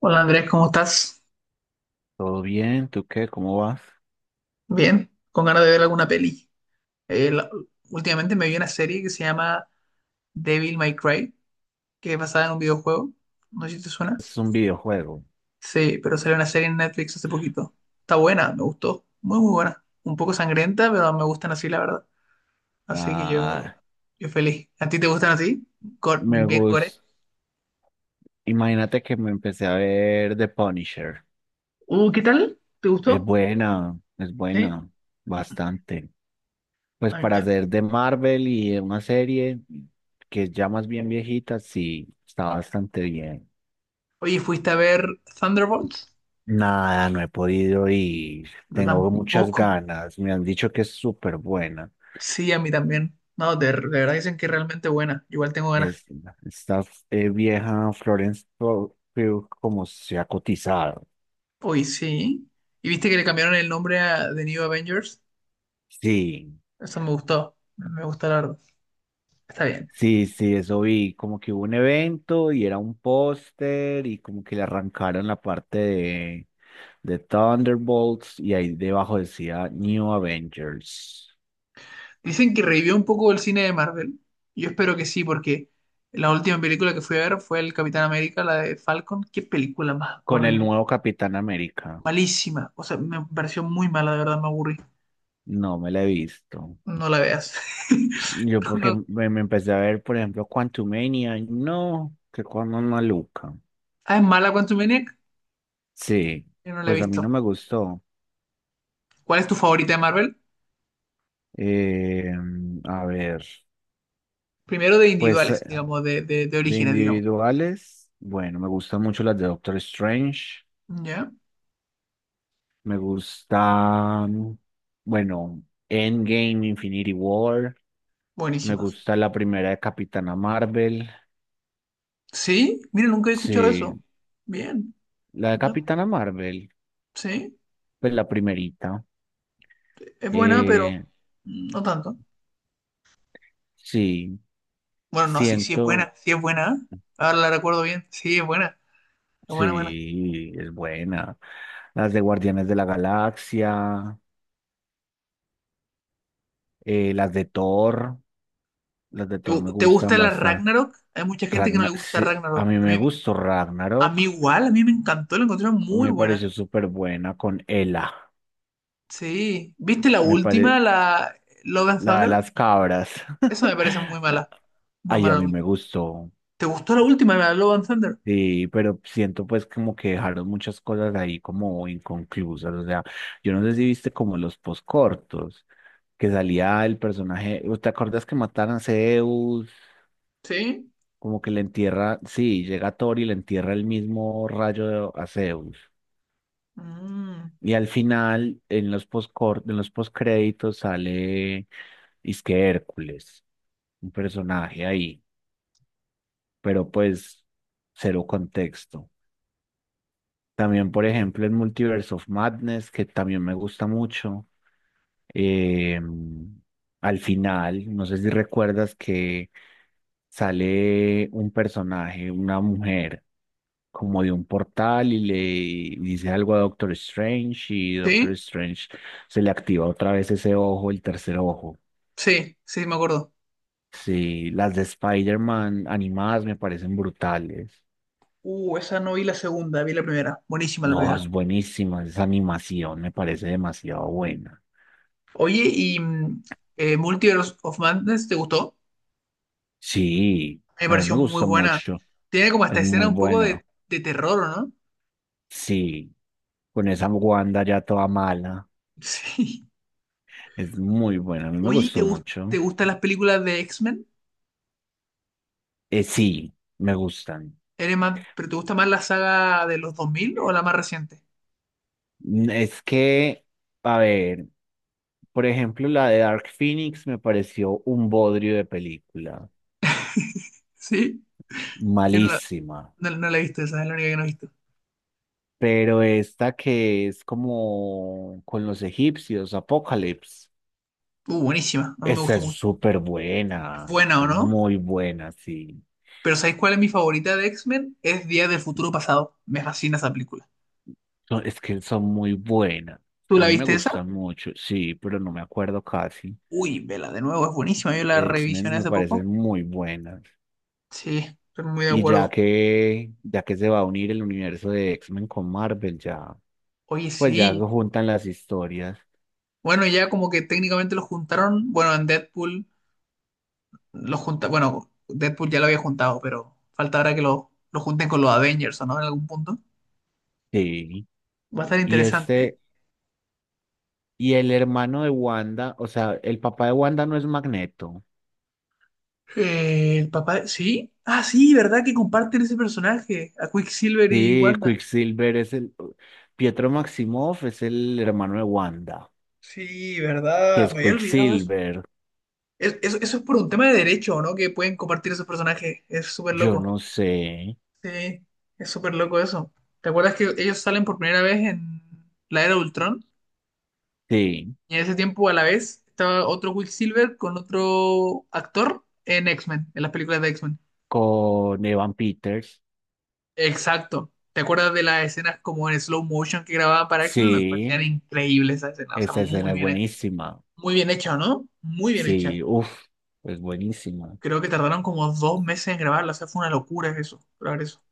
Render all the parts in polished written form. Hola Andrés, ¿cómo estás? ¿Todo bien? ¿Tú qué? ¿Cómo vas? Bien, con ganas de ver alguna peli. Eh, la- Últimamente me vi una serie que se llama Devil May Cry, que es basada en un videojuego. No sé si te suena. Este es un videojuego. Sí, pero salió una serie en Netflix hace poquito. Está buena, me gustó. Muy, muy buena. Un poco sangrienta, pero me gustan así, la verdad. Así que yo, Ah, yo feliz. ¿A ti te gustan así? Me Bien core. gusta. Imagínate que me empecé a ver The Punisher. ¿Qué tal? ¿Te gustó? Es Sí. buena, bastante. Pues A mí para me... hacer de Marvel y de una serie que es ya más bien viejita, sí, está bastante bien. Oye, ¿fuiste a ver Thunderbolts? Nada, no he podido ir. Yo Tengo muchas tampoco. ganas. Me han dicho que es súper buena. Sí, a mí también. No, de verdad dicen que es realmente buena. Igual tengo ganas. Es, Esta vieja Florence Pugh, Pugh como se ha cotizado. Uy, sí. ¿Y viste que le cambiaron el nombre a The New Avengers? Sí, Eso me gustó. Me gusta la verdad. Está bien. sí, sí, eso vi, como que hubo un evento y era un póster y como que le arrancaron la parte de Thunderbolts y ahí debajo decía New Avengers Dicen que revivió un poco el cine de Marvel. Yo espero que sí, porque la última película que fui a ver fue el Capitán América, la de Falcon. Qué película más con el horrible. nuevo Capitán América. Malísima. O sea, me pareció muy mala, de verdad, me aburrí. No me la he visto. No la veas. Yo porque No. me empecé a ver, por ejemplo, Quantumania, no, que cuando maluca. Ah, ¿es mala Quantumaniac? Sí, Yo no la he pues a mí no visto. me gustó. ¿Cuál es tu favorita de Marvel? Eh, a ver. Primero de Pues individuales, digamos, de de orígenes, digamos. individuales, bueno, me gustan mucho las de Doctor Strange. ¿Ya? Me gustan, bueno, Endgame, Infinity War. Me Buenísimas. gusta la primera de Capitana Marvel. Sí, mira, nunca he escuchado Sí, eso. Bien. la de ¿No? Capitana Marvel, Sí, pues la primerita. es buena, pero Eh, no tanto. sí, Bueno, no, sí, sí es siento, buena, sí es buena. Ahora la recuerdo bien. Sí, es buena, buena. sí, es buena. Las de Guardianes de la Galaxia, eh, las de Thor, las de ¿Te, Thor me te gustan gusta la bastante. Ragnarok? Hay mucha gente que no le gusta Sí, a Ragnarok. mí me gustó A mí Ragnarok, igual, a mí me encantó, la encontré muy me buena. pareció súper buena con Ela, Sí. ¿Viste la me última, pare... la Love and la de Thunder? las cabras. Esa me parece muy mala. Muy Ay, mala a la mí me última. gustó. ¿Te gustó la última, la Love and Thunder? Sí, pero siento pues como que dejaron muchas cosas ahí como inconclusas. O sea, yo no sé si viste como los poscortos, que salía el personaje, ¿te acuerdas que mataron a Zeus? ¿Sí? Como que le entierra, sí, llega Thor y le entierra el mismo rayo a Zeus. Mm, Y al final, en los postcréditos sale que Hércules, un personaje ahí, pero pues cero contexto. También, por ejemplo, en Multiverse of Madness, que también me gusta mucho. Eh, Al final, no sé si recuerdas que sale un personaje, una mujer, como de un portal y le dice algo a Doctor Strange y Doctor ¿Sí? Strange se le activa otra vez ese ojo, el tercer ojo. Sí, sí, me acuerdo. Sí, las de Spider-Man animadas me parecen brutales. Esa no vi la segunda, vi la primera. Buenísima la No, primera. es buenísima, esa animación me parece demasiado buena. Oye, ¿y Multiverse of Madness te gustó? Sí, Me a mí pareció me muy gusta buena. mucho, Tiene como esta es escena muy un poco buena. de terror, ¿o no? Sí, con esa Wanda ya toda mala. Sí. Es muy buena, a mí me Oye, ¿te gustó te mucho. gustan las películas de X-Men? Sí, me gustan. ¿Eres más, pero te gusta más la saga de los 2000 o la más reciente? Es que, a ver, por ejemplo, la de Dark Phoenix me pareció un bodrio de película, Sí. Yo no la, malísima. No la he visto, esa es la única que no he visto. Pero esta que es como con los egipcios, Apocalypse, Buenísima, a mí me esa gustó es mucho. súper Es buena, buena, esa ¿o es no? muy buena, sí. Pero ¿sabéis cuál es mi favorita de X-Men? Es Día del Futuro Pasado. Me fascina esa película. No, es que son muy buenas. ¿Tú A la mí me viste esa? gustan mucho, sí, pero no me acuerdo casi. Uy, vela de nuevo, es buenísima. Yo la X-Men revisioné me hace poco. parecen muy buenas. Sí, estoy muy de Y acuerdo. Ya que se va a unir el universo de X-Men con Marvel, ya, Oye, pues ya se sí. juntan las historias. Bueno, ya como que técnicamente lo juntaron. Bueno, en Deadpool lo junta. Bueno, Deadpool ya lo había juntado, pero falta ahora que lo junten con los Avengers, ¿o no? En algún punto. Sí. Va a estar Y interesante. este, y el hermano de Wanda, o sea, el papá de Wanda no es Magneto. Sí. Ah, sí, ¿verdad? Que comparten ese personaje. A Quicksilver y Sí, Wanda. Pietro Maximoff es el hermano de Wanda, Sí, que ¿verdad? es Me había olvidado eso. Quicksilver. Eso, eso es por un tema de derecho, ¿no? Que pueden compartir esos personajes. Es súper Yo loco. no sé. Sí, es súper loco eso. ¿Te acuerdas que ellos salen por primera vez en la Era de Ultron? Sí. Y en ese tiempo a la vez estaba otro Quicksilver con otro actor en X-Men, en las películas de X-Men. Con Evan Peters. Exacto. ¿Te acuerdas de las escenas como en slow motion que grababan para X-Men? Me parecían Sí, increíbles esas escenas. O sea, esa escena muy es bien hecha. buenísima. Muy bien hecha, ¿no? Muy bien hecha. Sí, uff, es buenísima. Creo que tardaron como 2 meses en grabarla. O sea, fue una locura eso, lograr eso.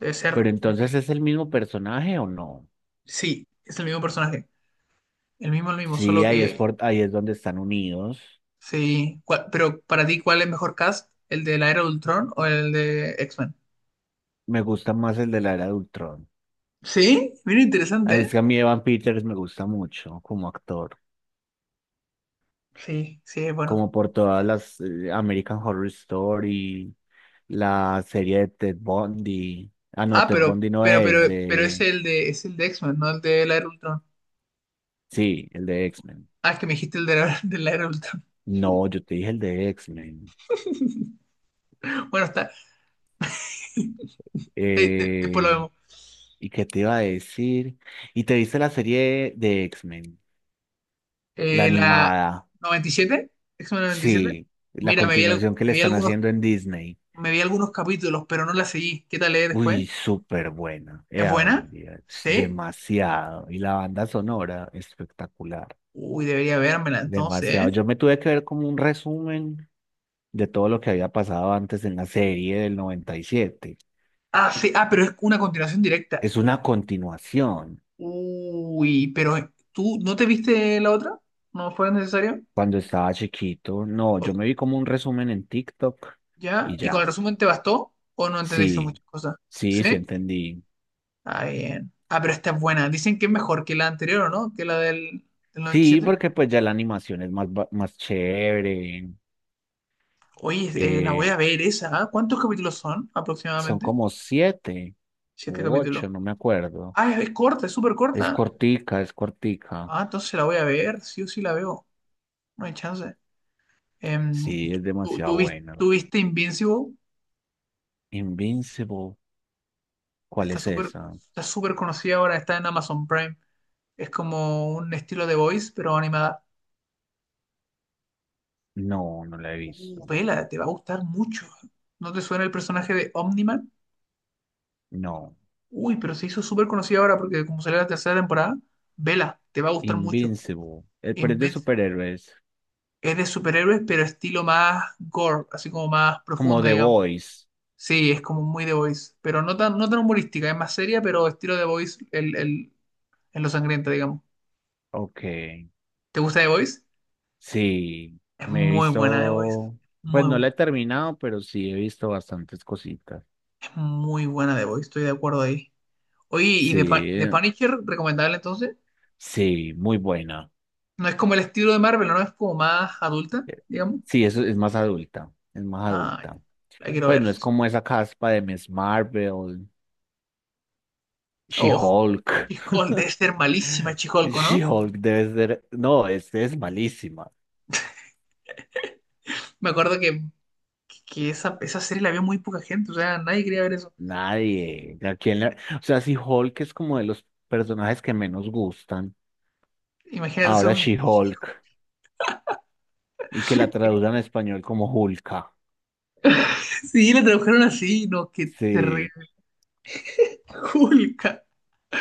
Debe ser. Pero entonces, ¿es el mismo personaje o no? Sí, es el mismo personaje. El mismo, Sí, solo ahí es, que. Ahí es donde están unidos. Sí. Pero para ti, ¿cuál es mejor cast? ¿El de la Era de Ultron o el de X-Men? Me gusta más el de la era de Ultron. Sí, mira, interesante, Ah, es ¿eh? que a mí Evan Peters me gusta mucho como actor, Sí, sí, es bueno. como por todas las American Horror Story, la serie de Ted Bundy. Ah, no, Ah, Ted pero, Bundy no pero, pero, es pero de... es el de X-Men, no el de la Era de Ultron. Sí, el de X-Men. Ah, es que me dijiste el de la, de la Era de Ultron. No, yo te dije el de X-Men. Bueno, está. Después lo Eh, vemos. ¿Y qué te iba a decir? ¿Y te viste la serie de X-Men? La La animada. 97, X-Men 97. Sí, la Mira, continuación que le están haciendo en Disney. me vi algunos capítulos, pero no la seguí. ¿Qué tal es Uy, después? súper buena. ¿Es Ave buena? María, es ¿Sí? demasiado. Y la banda sonora, espectacular. Uy, debería vérmela entonces, Demasiado. ¿eh? Yo me tuve que ver como un resumen de todo lo que había pasado antes en la serie del 97. Ah, sí, ah, pero es una continuación directa. Es una continuación. Uy, pero ¿tú no te viste la otra? ¿No fue necesario? Cuando estaba chiquito, no, yo O- me vi como un resumen en TikTok ¿Ya? y ¿Y con el ya. resumen te bastó? ¿O no entendiste Sí, muchas cosas? sí, sí ¿Sí? entendí. Ah, bien. Ah, pero esta es buena. Dicen que es mejor que la anterior, ¿o no? Que del Sí, 97. porque pues ya la animación es más, más chévere. Oye, la voy eh, a ver esa. ¿Ah? ¿Cuántos capítulos son Son aproximadamente? como siete Siete u capítulos. ocho, no me acuerdo. Ah, es corta, es súper Es corta. cortica, es cortica. Ah, entonces la voy a ver. Sí o sí la veo. No hay chance. Em, Sí, es demasiado buena. ¿Tú viste Invincible? Invincible, ¿cuál Está es súper esa? Está súper conocida ahora, está en Amazon Prime. Es como un estilo de Voice, pero animada. No, no la he visto. Vela, te va a gustar mucho. ¿No te suena el personaje de Omniman? No. Uy, pero se hizo súper conocida ahora porque como salió la tercera temporada, vela, te va a gustar mucho. Invincible, pero es de Invincible. superhéroes, Es de superhéroes, pero estilo más gore, así como más como profunda, The digamos. Voice. Sí, es como muy The Voice, pero no tan humorística, es más seria, pero estilo The Voice en lo sangrienta, digamos. Ok. ¿Te gusta The Voice? Sí, Es me he muy buena The Voice. visto, pues Muy, no la he terminado, pero sí he visto bastantes cositas. es muy buena The Voice, estoy de acuerdo ahí. Oye, ¿y Sí, The Punisher recomendable entonces? sí, muy buena. No es como el estilo de Marvel, ¿no? Es como más adulta, Eh, digamos. Sí, eso es más adulta, es más Ah, ya. adulta. La quiero Pues ver. no es como esa caspa de Miss Marvel, Oh, She-Hulk. She-Hulk, debe ser malísima She-Hulk, ¿o no? She-Hulk debe ser, no, este es malísima. Me acuerdo que esa serie la vio muy poca gente, o sea, nadie quería ver eso. Nadie. O sea, si Hulk es como de los personajes que menos gustan, Imagínate ser ahora un chico. She-Hulk, y que la traduzcan en español como Hulka. Sí, la trabajaron así, no, que te re- Sí, Hulk.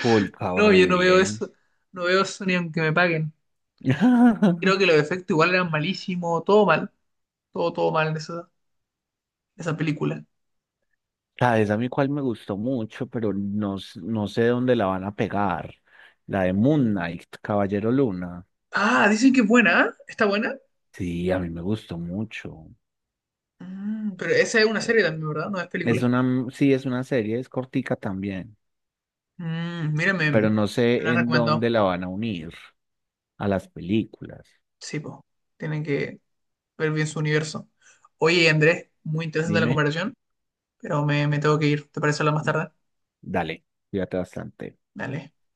Pulca, No, yo no veo horrible. eso, no veo eso ni aunque me paguen. Creo que los efectos igual eran malísimos, todo mal, todo, todo mal en esa película. ¿Sabes a mí cuál me gustó mucho, pero no, no sé dónde la van a pegar? La de Moon Knight, Caballero Luna. Ah, dicen que es buena, ¿ah? ¿Está buena? Sí, a mí me gustó mucho. Mm, pero esa es una Eh, serie también, ¿verdad? No es película. Sí, es una serie, es cortica también, Mm, mira, pero no me la sé han en recomendado. dónde la van a unir a las películas. Sí, pues, tienen que ver bien su universo. Oye, Andrés, muy interesante la Dime, comparación, pero me tengo que ir. ¿Te parece hablar más tarde? dale, cuídate bastante. Dale.